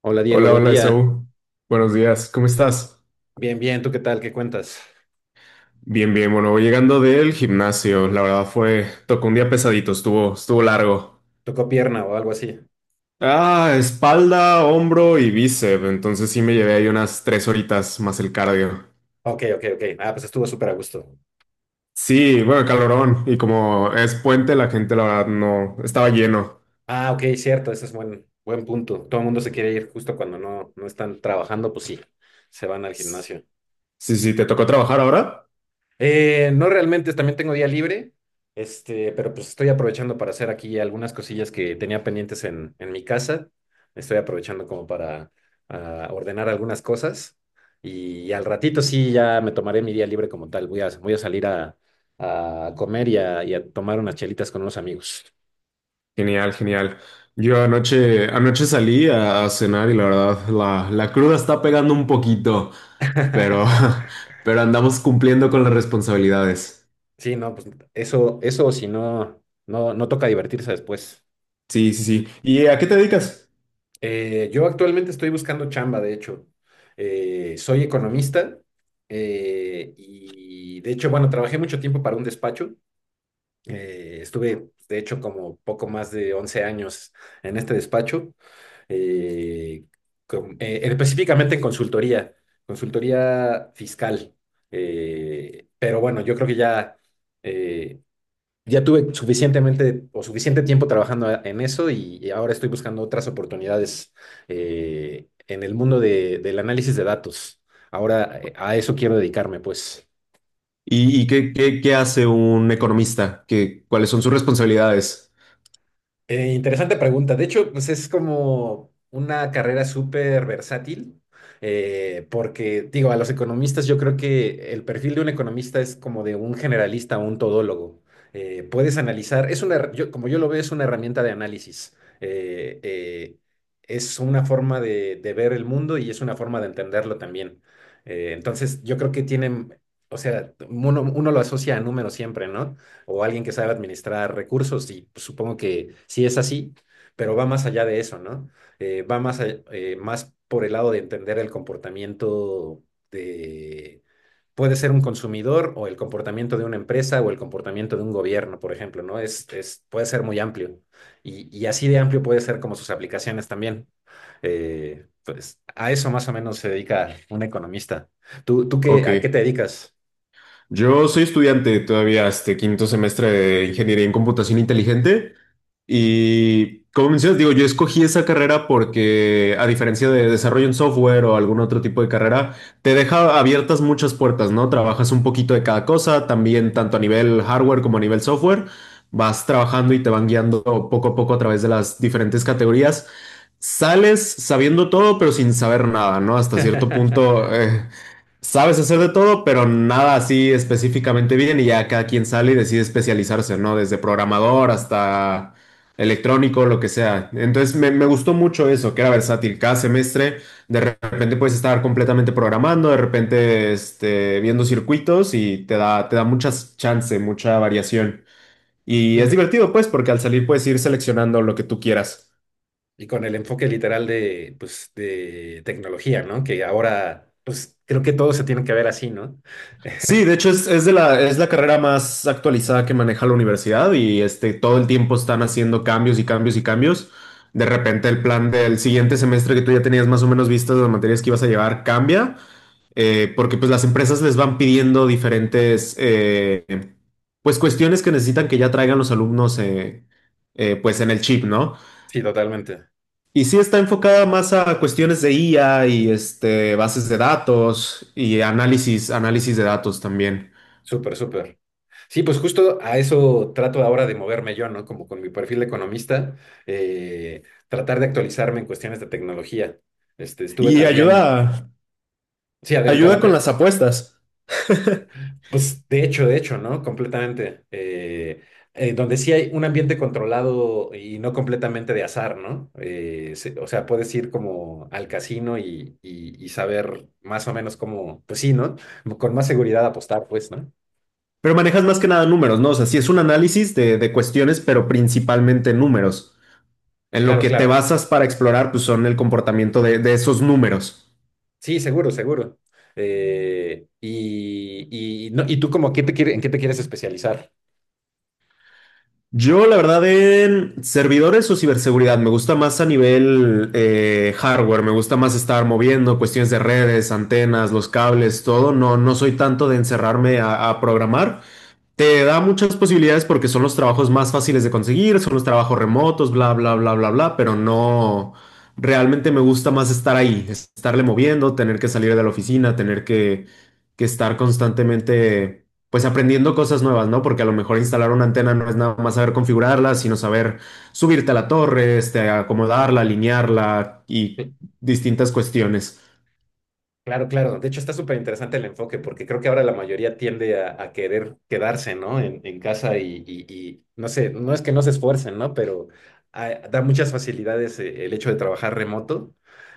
Hola Diego, Hola, buen hola, día. Esaú. Buenos días, ¿cómo estás? Bien, bien, ¿tú qué tal? ¿Qué cuentas? Bien, bien, bueno, voy llegando del gimnasio. La verdad fue, tocó un día pesadito, estuvo largo. ¿Tocó pierna o algo así? Ah, espalda, hombro y bíceps. Entonces sí me llevé ahí unas tres horitas más el cardio. Ok, ok, ok. Ah, pues estuvo súper a gusto. Sí, bueno, calorón. Y como es puente, la gente, la verdad, no, estaba lleno. Ah, ok, cierto, ese es buen punto. Todo el mundo se quiere ir justo cuando no están trabajando, pues sí, se van al gimnasio. Sí, sí, ¿te tocó trabajar ahora? No realmente, también tengo día libre, pero pues estoy aprovechando para hacer aquí algunas cosillas que tenía pendientes en mi casa. Estoy aprovechando como para ordenar algunas cosas y, al ratito sí ya me tomaré mi día libre como tal. Voy a salir a comer y a tomar unas chelitas con unos amigos. Genial, genial. Yo anoche salí a cenar y la verdad, la cruda está pegando un poquito, pero, pero andamos cumpliendo con las responsabilidades. Sí, no, pues eso si no, no toca divertirse después. Sí, sí, sí. ¿Y a qué te dedicas? Yo actualmente estoy buscando chamba, de hecho. Soy economista y de hecho, bueno, trabajé mucho tiempo para un despacho. Estuve, de hecho, como poco más de 11 años en este despacho, eh, específicamente en consultoría, consultoría fiscal. Pero bueno, yo creo que ya... eh, ya tuve suficientemente o suficiente tiempo trabajando en eso y ahora estoy buscando otras oportunidades en el mundo del análisis de datos. Ahora a eso quiero dedicarme, pues. ¿Y, y qué hace un economista? ¿Qué, cuáles son sus responsabilidades? Interesante pregunta. De hecho, pues es como una carrera súper versátil, porque digo, a los economistas yo creo que el perfil de un economista es como de un generalista o un todólogo. Puedes analizar, es una, como yo lo veo, es una herramienta de análisis. Eh, eh, es una forma de ver el mundo y es una forma de entenderlo también. Entonces, yo creo que tienen, o sea, uno lo asocia a números siempre, ¿no? o alguien que sabe administrar recursos, y pues, supongo que sí es así, pero va más allá de eso, ¿no? Va más, más por el lado de entender el comportamiento de, puede ser un consumidor o el comportamiento de una empresa o el comportamiento de un gobierno, por ejemplo, ¿no? Puede ser muy amplio y así de amplio puede ser como sus aplicaciones también. Pues a eso más o menos se dedica un economista. ¿Tú, tú qué, Ok. a qué te dedicas? Yo soy estudiante todavía, este quinto semestre de Ingeniería en Computación Inteligente. Y como mencionas, digo, yo escogí esa carrera porque, a diferencia de desarrollo en software o algún otro tipo de carrera, te deja abiertas muchas puertas, ¿no? Trabajas un poquito de cada cosa, también tanto a nivel hardware como a nivel software. Vas trabajando y te van guiando poco a poco a través de las diferentes categorías. Sales sabiendo todo, pero sin saber nada, ¿no? Hasta cierto punto. Sabes hacer de todo, pero nada así específicamente bien y ya cada quien sale y decide especializarse, ¿no? Desde programador hasta electrónico, lo que sea. Entonces me gustó mucho eso, que era versátil. Cada semestre de repente puedes estar completamente programando, de repente este, viendo circuitos y te da muchas chance, mucha variación. Y es Súper. divertido, pues, porque al salir puedes ir seleccionando lo que tú quieras. Y con el enfoque literal de, pues, de tecnología, ¿no? Que ahora, pues, creo que todo se tiene que ver así, ¿no? Sí, de hecho es de la, es la carrera más actualizada que maneja la universidad y este, todo el tiempo están haciendo cambios y cambios y cambios. De repente el plan del siguiente semestre que tú ya tenías más o menos vistas de las materias que ibas a llevar cambia, porque pues las empresas les van pidiendo diferentes pues cuestiones que necesitan que ya traigan los alumnos pues en el chip, ¿no? Sí, totalmente. Y sí está enfocada más a cuestiones de IA y este, bases de datos y análisis, análisis de datos también. Súper, súper. Sí, pues justo a eso trato ahora de moverme yo, ¿no? Como con mi perfil de economista, eh, tratar de actualizarme en cuestiones de tecnología. Este, estuve Y también... ayuda, Sí, adelante, ayuda con adelante. las apuestas. Pues de hecho, ¿no? Completamente. Donde sí hay un ambiente controlado y no completamente de azar, ¿no? O sea, puedes ir como al casino y, y saber más o menos cómo, pues sí, ¿no? Con más seguridad apostar, pues, ¿no? Pero manejas más que nada números, ¿no? O sea, sí es un análisis de cuestiones, pero principalmente números. En lo Claro, que te claro. basas para explorar, pues son el comportamiento de esos números. Sí, seguro, seguro. Y, y, no, ¿y tú como qué en qué te quieres especializar? Yo, la verdad, en servidores o ciberseguridad, me gusta más a nivel hardware, me gusta más estar moviendo cuestiones de redes, antenas, los cables, todo. No, no soy tanto de encerrarme a programar. Te da muchas posibilidades porque son los trabajos más fáciles de conseguir, son los trabajos remotos, bla, bla, bla, bla, bla, pero no, realmente me gusta más estar ahí, estarle moviendo, tener que salir de la oficina, tener que estar constantemente, pues aprendiendo cosas nuevas, ¿no? Porque a lo mejor instalar una antena no es nada más saber configurarla, sino saber subirte a la torre, este, acomodarla, alinearla y distintas cuestiones. Claro, claro. De hecho, está súper interesante el enfoque porque creo que ahora la mayoría tiende a querer quedarse, ¿no? En casa y, y no sé, no es que no se esfuercen, ¿no? Pero da muchas facilidades el hecho de trabajar remoto.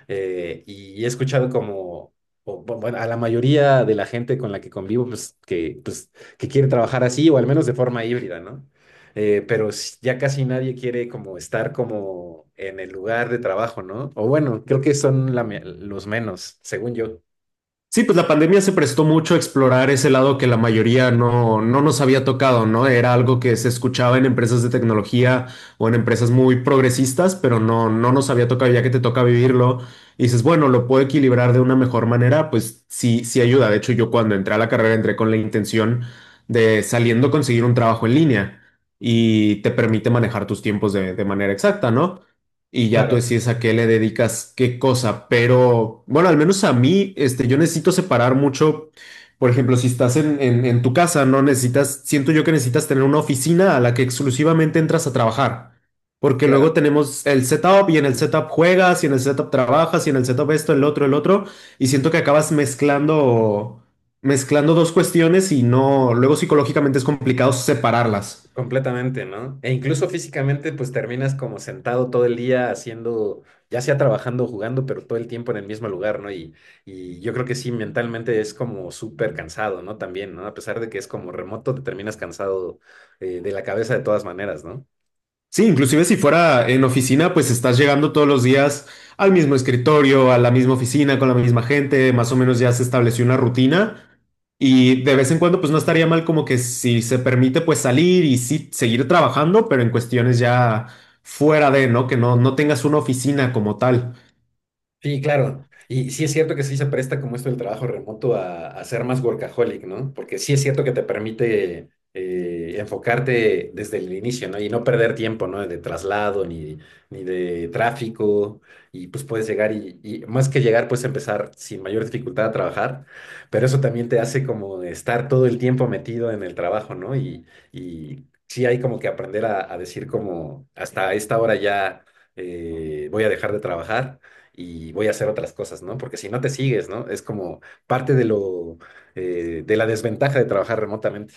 Y he escuchado como, bueno, a la mayoría de la gente con la que convivo, pues, que quiere trabajar así o al menos de forma híbrida, ¿no? Ya casi nadie quiere como estar como en el lugar de trabajo, ¿no? O bueno, creo que son los menos, según yo. Sí, pues la pandemia se prestó mucho a explorar ese lado que la mayoría no, no nos había tocado, ¿no? Era algo que se escuchaba en empresas de tecnología o en empresas muy progresistas, pero no, no nos había tocado, ya que te toca vivirlo. Y dices, bueno, lo puedo equilibrar de una mejor manera, pues sí, sí ayuda. De hecho, yo cuando entré a la carrera entré con la intención de saliendo conseguir un trabajo en línea y te permite manejar tus tiempos de manera exacta, ¿no? Y ya tú Claro, decides a qué le dedicas qué cosa, pero bueno, al menos a mí, este, yo necesito separar mucho, por ejemplo, si estás en, en tu casa, no necesitas, siento yo que necesitas tener una oficina a la que exclusivamente entras a trabajar, porque luego claro, tenemos el setup y en el setup juegas y en el setup trabajas y en el setup esto, el otro, y siento que acabas mezclando, mezclando dos cuestiones y no, luego psicológicamente es complicado separarlas. completamente, ¿no? E incluso físicamente, pues terminas como sentado todo el día haciendo, ya sea trabajando o jugando, pero todo el tiempo en el mismo lugar, ¿no? Y yo creo que sí, mentalmente es como súper cansado, ¿no? También, ¿no? A pesar de que es como remoto, te terminas cansado de la cabeza de todas maneras, ¿no? Sí, inclusive si fuera en oficina, pues estás llegando todos los días al mismo escritorio, a la misma oficina, con la misma gente, más o menos ya se estableció una rutina y de vez en cuando pues no estaría mal como que si se permite pues salir y sí seguir trabajando, pero en cuestiones ya fuera de, ¿no? Que no, no tengas una oficina como tal. Sí, claro. Y sí es cierto que sí se presta como esto del trabajo remoto a ser más workaholic, ¿no? Porque sí es cierto que te permite enfocarte desde el inicio, ¿no? Y no perder tiempo, ¿no? De traslado ni, ni de tráfico. Y pues puedes llegar y más que llegar, puedes empezar sin mayor dificultad a trabajar. Pero eso también te hace como estar todo el tiempo metido en el trabajo, ¿no? Y sí hay como que aprender a decir como hasta esta hora ya voy a dejar de trabajar y voy a hacer otras cosas, ¿no? Porque si no te sigues, ¿no? Es como parte de lo, de la desventaja de trabajar remotamente.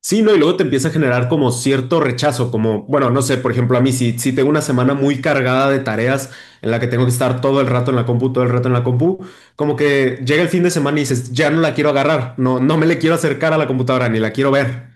Sí, ¿no? Y luego te empieza a generar como cierto rechazo, como, bueno, no sé, por ejemplo, a mí si, si tengo una semana muy cargada de tareas en la que tengo que estar todo el rato en la compu, todo el rato en la compu, como que llega el fin de semana y dices, ya no la quiero agarrar, no, no me le quiero acercar a la computadora, ni la quiero ver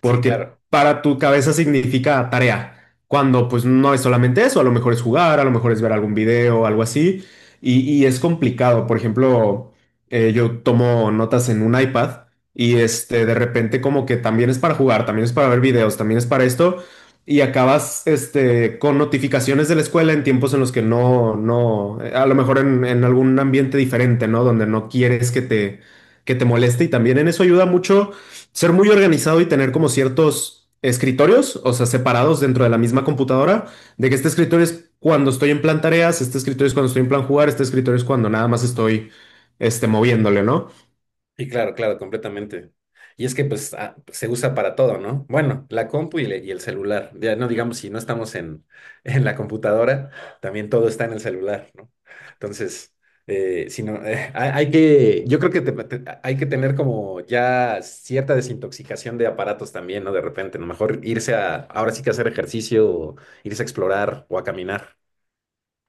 Sí, porque claro. para tu cabeza significa tarea, cuando pues no es solamente eso, a lo mejor es jugar, a lo mejor es ver algún video, algo así, y es complicado. Por ejemplo, yo tomo notas en un iPad y este, de repente como que también es para jugar, también es para ver videos, también es para esto, y acabas este, con notificaciones de la escuela en tiempos en los que no, no, a lo mejor en algún ambiente diferente, ¿no? Donde no quieres que te moleste y también en eso ayuda mucho ser muy organizado y tener como ciertos escritorios, o sea, separados dentro de la misma computadora, de que este escritorio es cuando estoy en plan tareas, este escritorio es cuando estoy en plan jugar, este escritorio es cuando nada más estoy este, moviéndole, ¿no? Y claro, claro, completamente. Y es que pues se usa para todo, ¿no? Bueno, la compu y, el celular. Ya no digamos, si no estamos en, en la computadora, también todo está en el celular, ¿no? Entonces, si no, hay, hay que, yo creo que hay que tener como ya cierta desintoxicación de aparatos también, ¿no? De repente, a lo mejor irse a, ahora sí que hacer ejercicio, o irse a explorar o a caminar.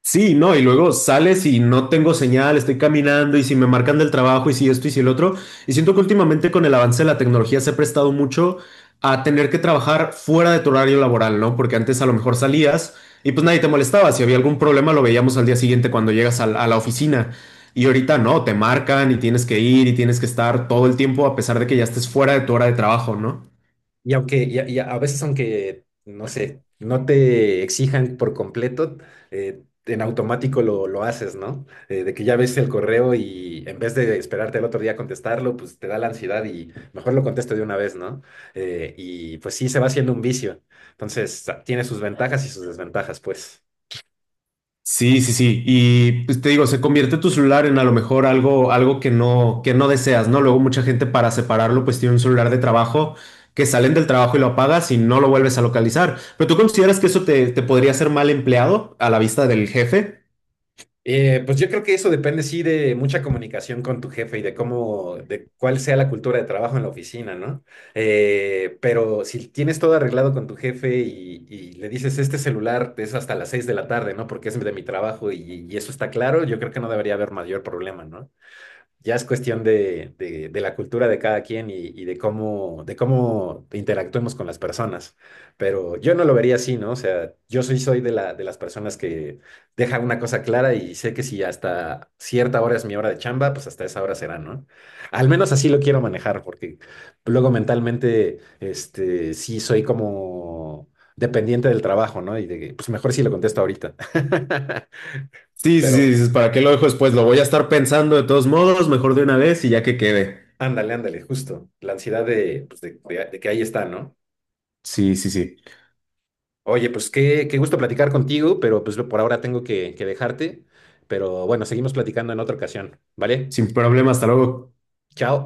Sí, no, y luego sales y no tengo señal, estoy caminando y si me marcan del trabajo y si esto y si el otro. Y siento que últimamente con el avance de la tecnología se ha prestado mucho a tener que trabajar fuera de tu horario laboral, ¿no? Porque antes a lo mejor salías y pues nadie te molestaba. Si había algún problema lo veíamos al día siguiente cuando llegas a la oficina. Y ahorita no, te marcan y tienes que ir y tienes que estar todo el tiempo a pesar de que ya estés fuera de tu hora de trabajo, ¿no? Y aunque y a veces aunque, no sé, no te exijan por completo, en automático lo haces, ¿no? De que ya ves el correo y en vez de esperarte al otro día a contestarlo, pues te da la ansiedad y mejor lo contesto de una vez, ¿no? Y pues sí, se va haciendo un vicio. Entonces, tiene sus ventajas y sus desventajas, pues. Sí, sí, sí. Y pues, te digo, se convierte tu celular en a lo mejor algo, algo que no deseas, ¿no? Luego mucha gente para separarlo, pues tiene un celular de trabajo que salen del trabajo y lo apagas y no lo vuelves a localizar. ¿Pero tú consideras que eso te, te podría ser mal empleado a la vista del jefe? Pues yo creo que eso depende, sí, de mucha comunicación con tu jefe y de cómo, de cuál sea la cultura de trabajo en la oficina, ¿no? Pero si tienes todo arreglado con tu jefe y le dices, este celular es hasta las 6 de la tarde, ¿no? Porque es de mi trabajo y eso está claro, yo creo que no debería haber mayor problema, ¿no? Ya es cuestión de, de la cultura de cada quien y de cómo interactuemos con las personas. Pero yo no lo vería así, ¿no? O sea, yo soy, soy de la, de las personas que deja una cosa clara y sé que si hasta cierta hora es mi hora de chamba, pues hasta esa hora será, ¿no? Al menos así lo quiero manejar, porque luego mentalmente, este, sí soy como dependiente del trabajo, ¿no? Y de, que, pues mejor si lo contesto ahorita. Sí, sí, sí, Pero... dices, ¿para qué lo dejo después? Lo voy a estar pensando de todos modos, mejor de una vez y ya que quede. Ándale, ándale, justo. La ansiedad de, pues, de, de que ahí está, ¿no? Sí, sí, sí. Oye, pues qué, qué gusto platicar contigo, pero pues por ahora tengo que dejarte. Pero bueno, seguimos platicando en otra ocasión, ¿vale? Sin problema, hasta luego. Chao.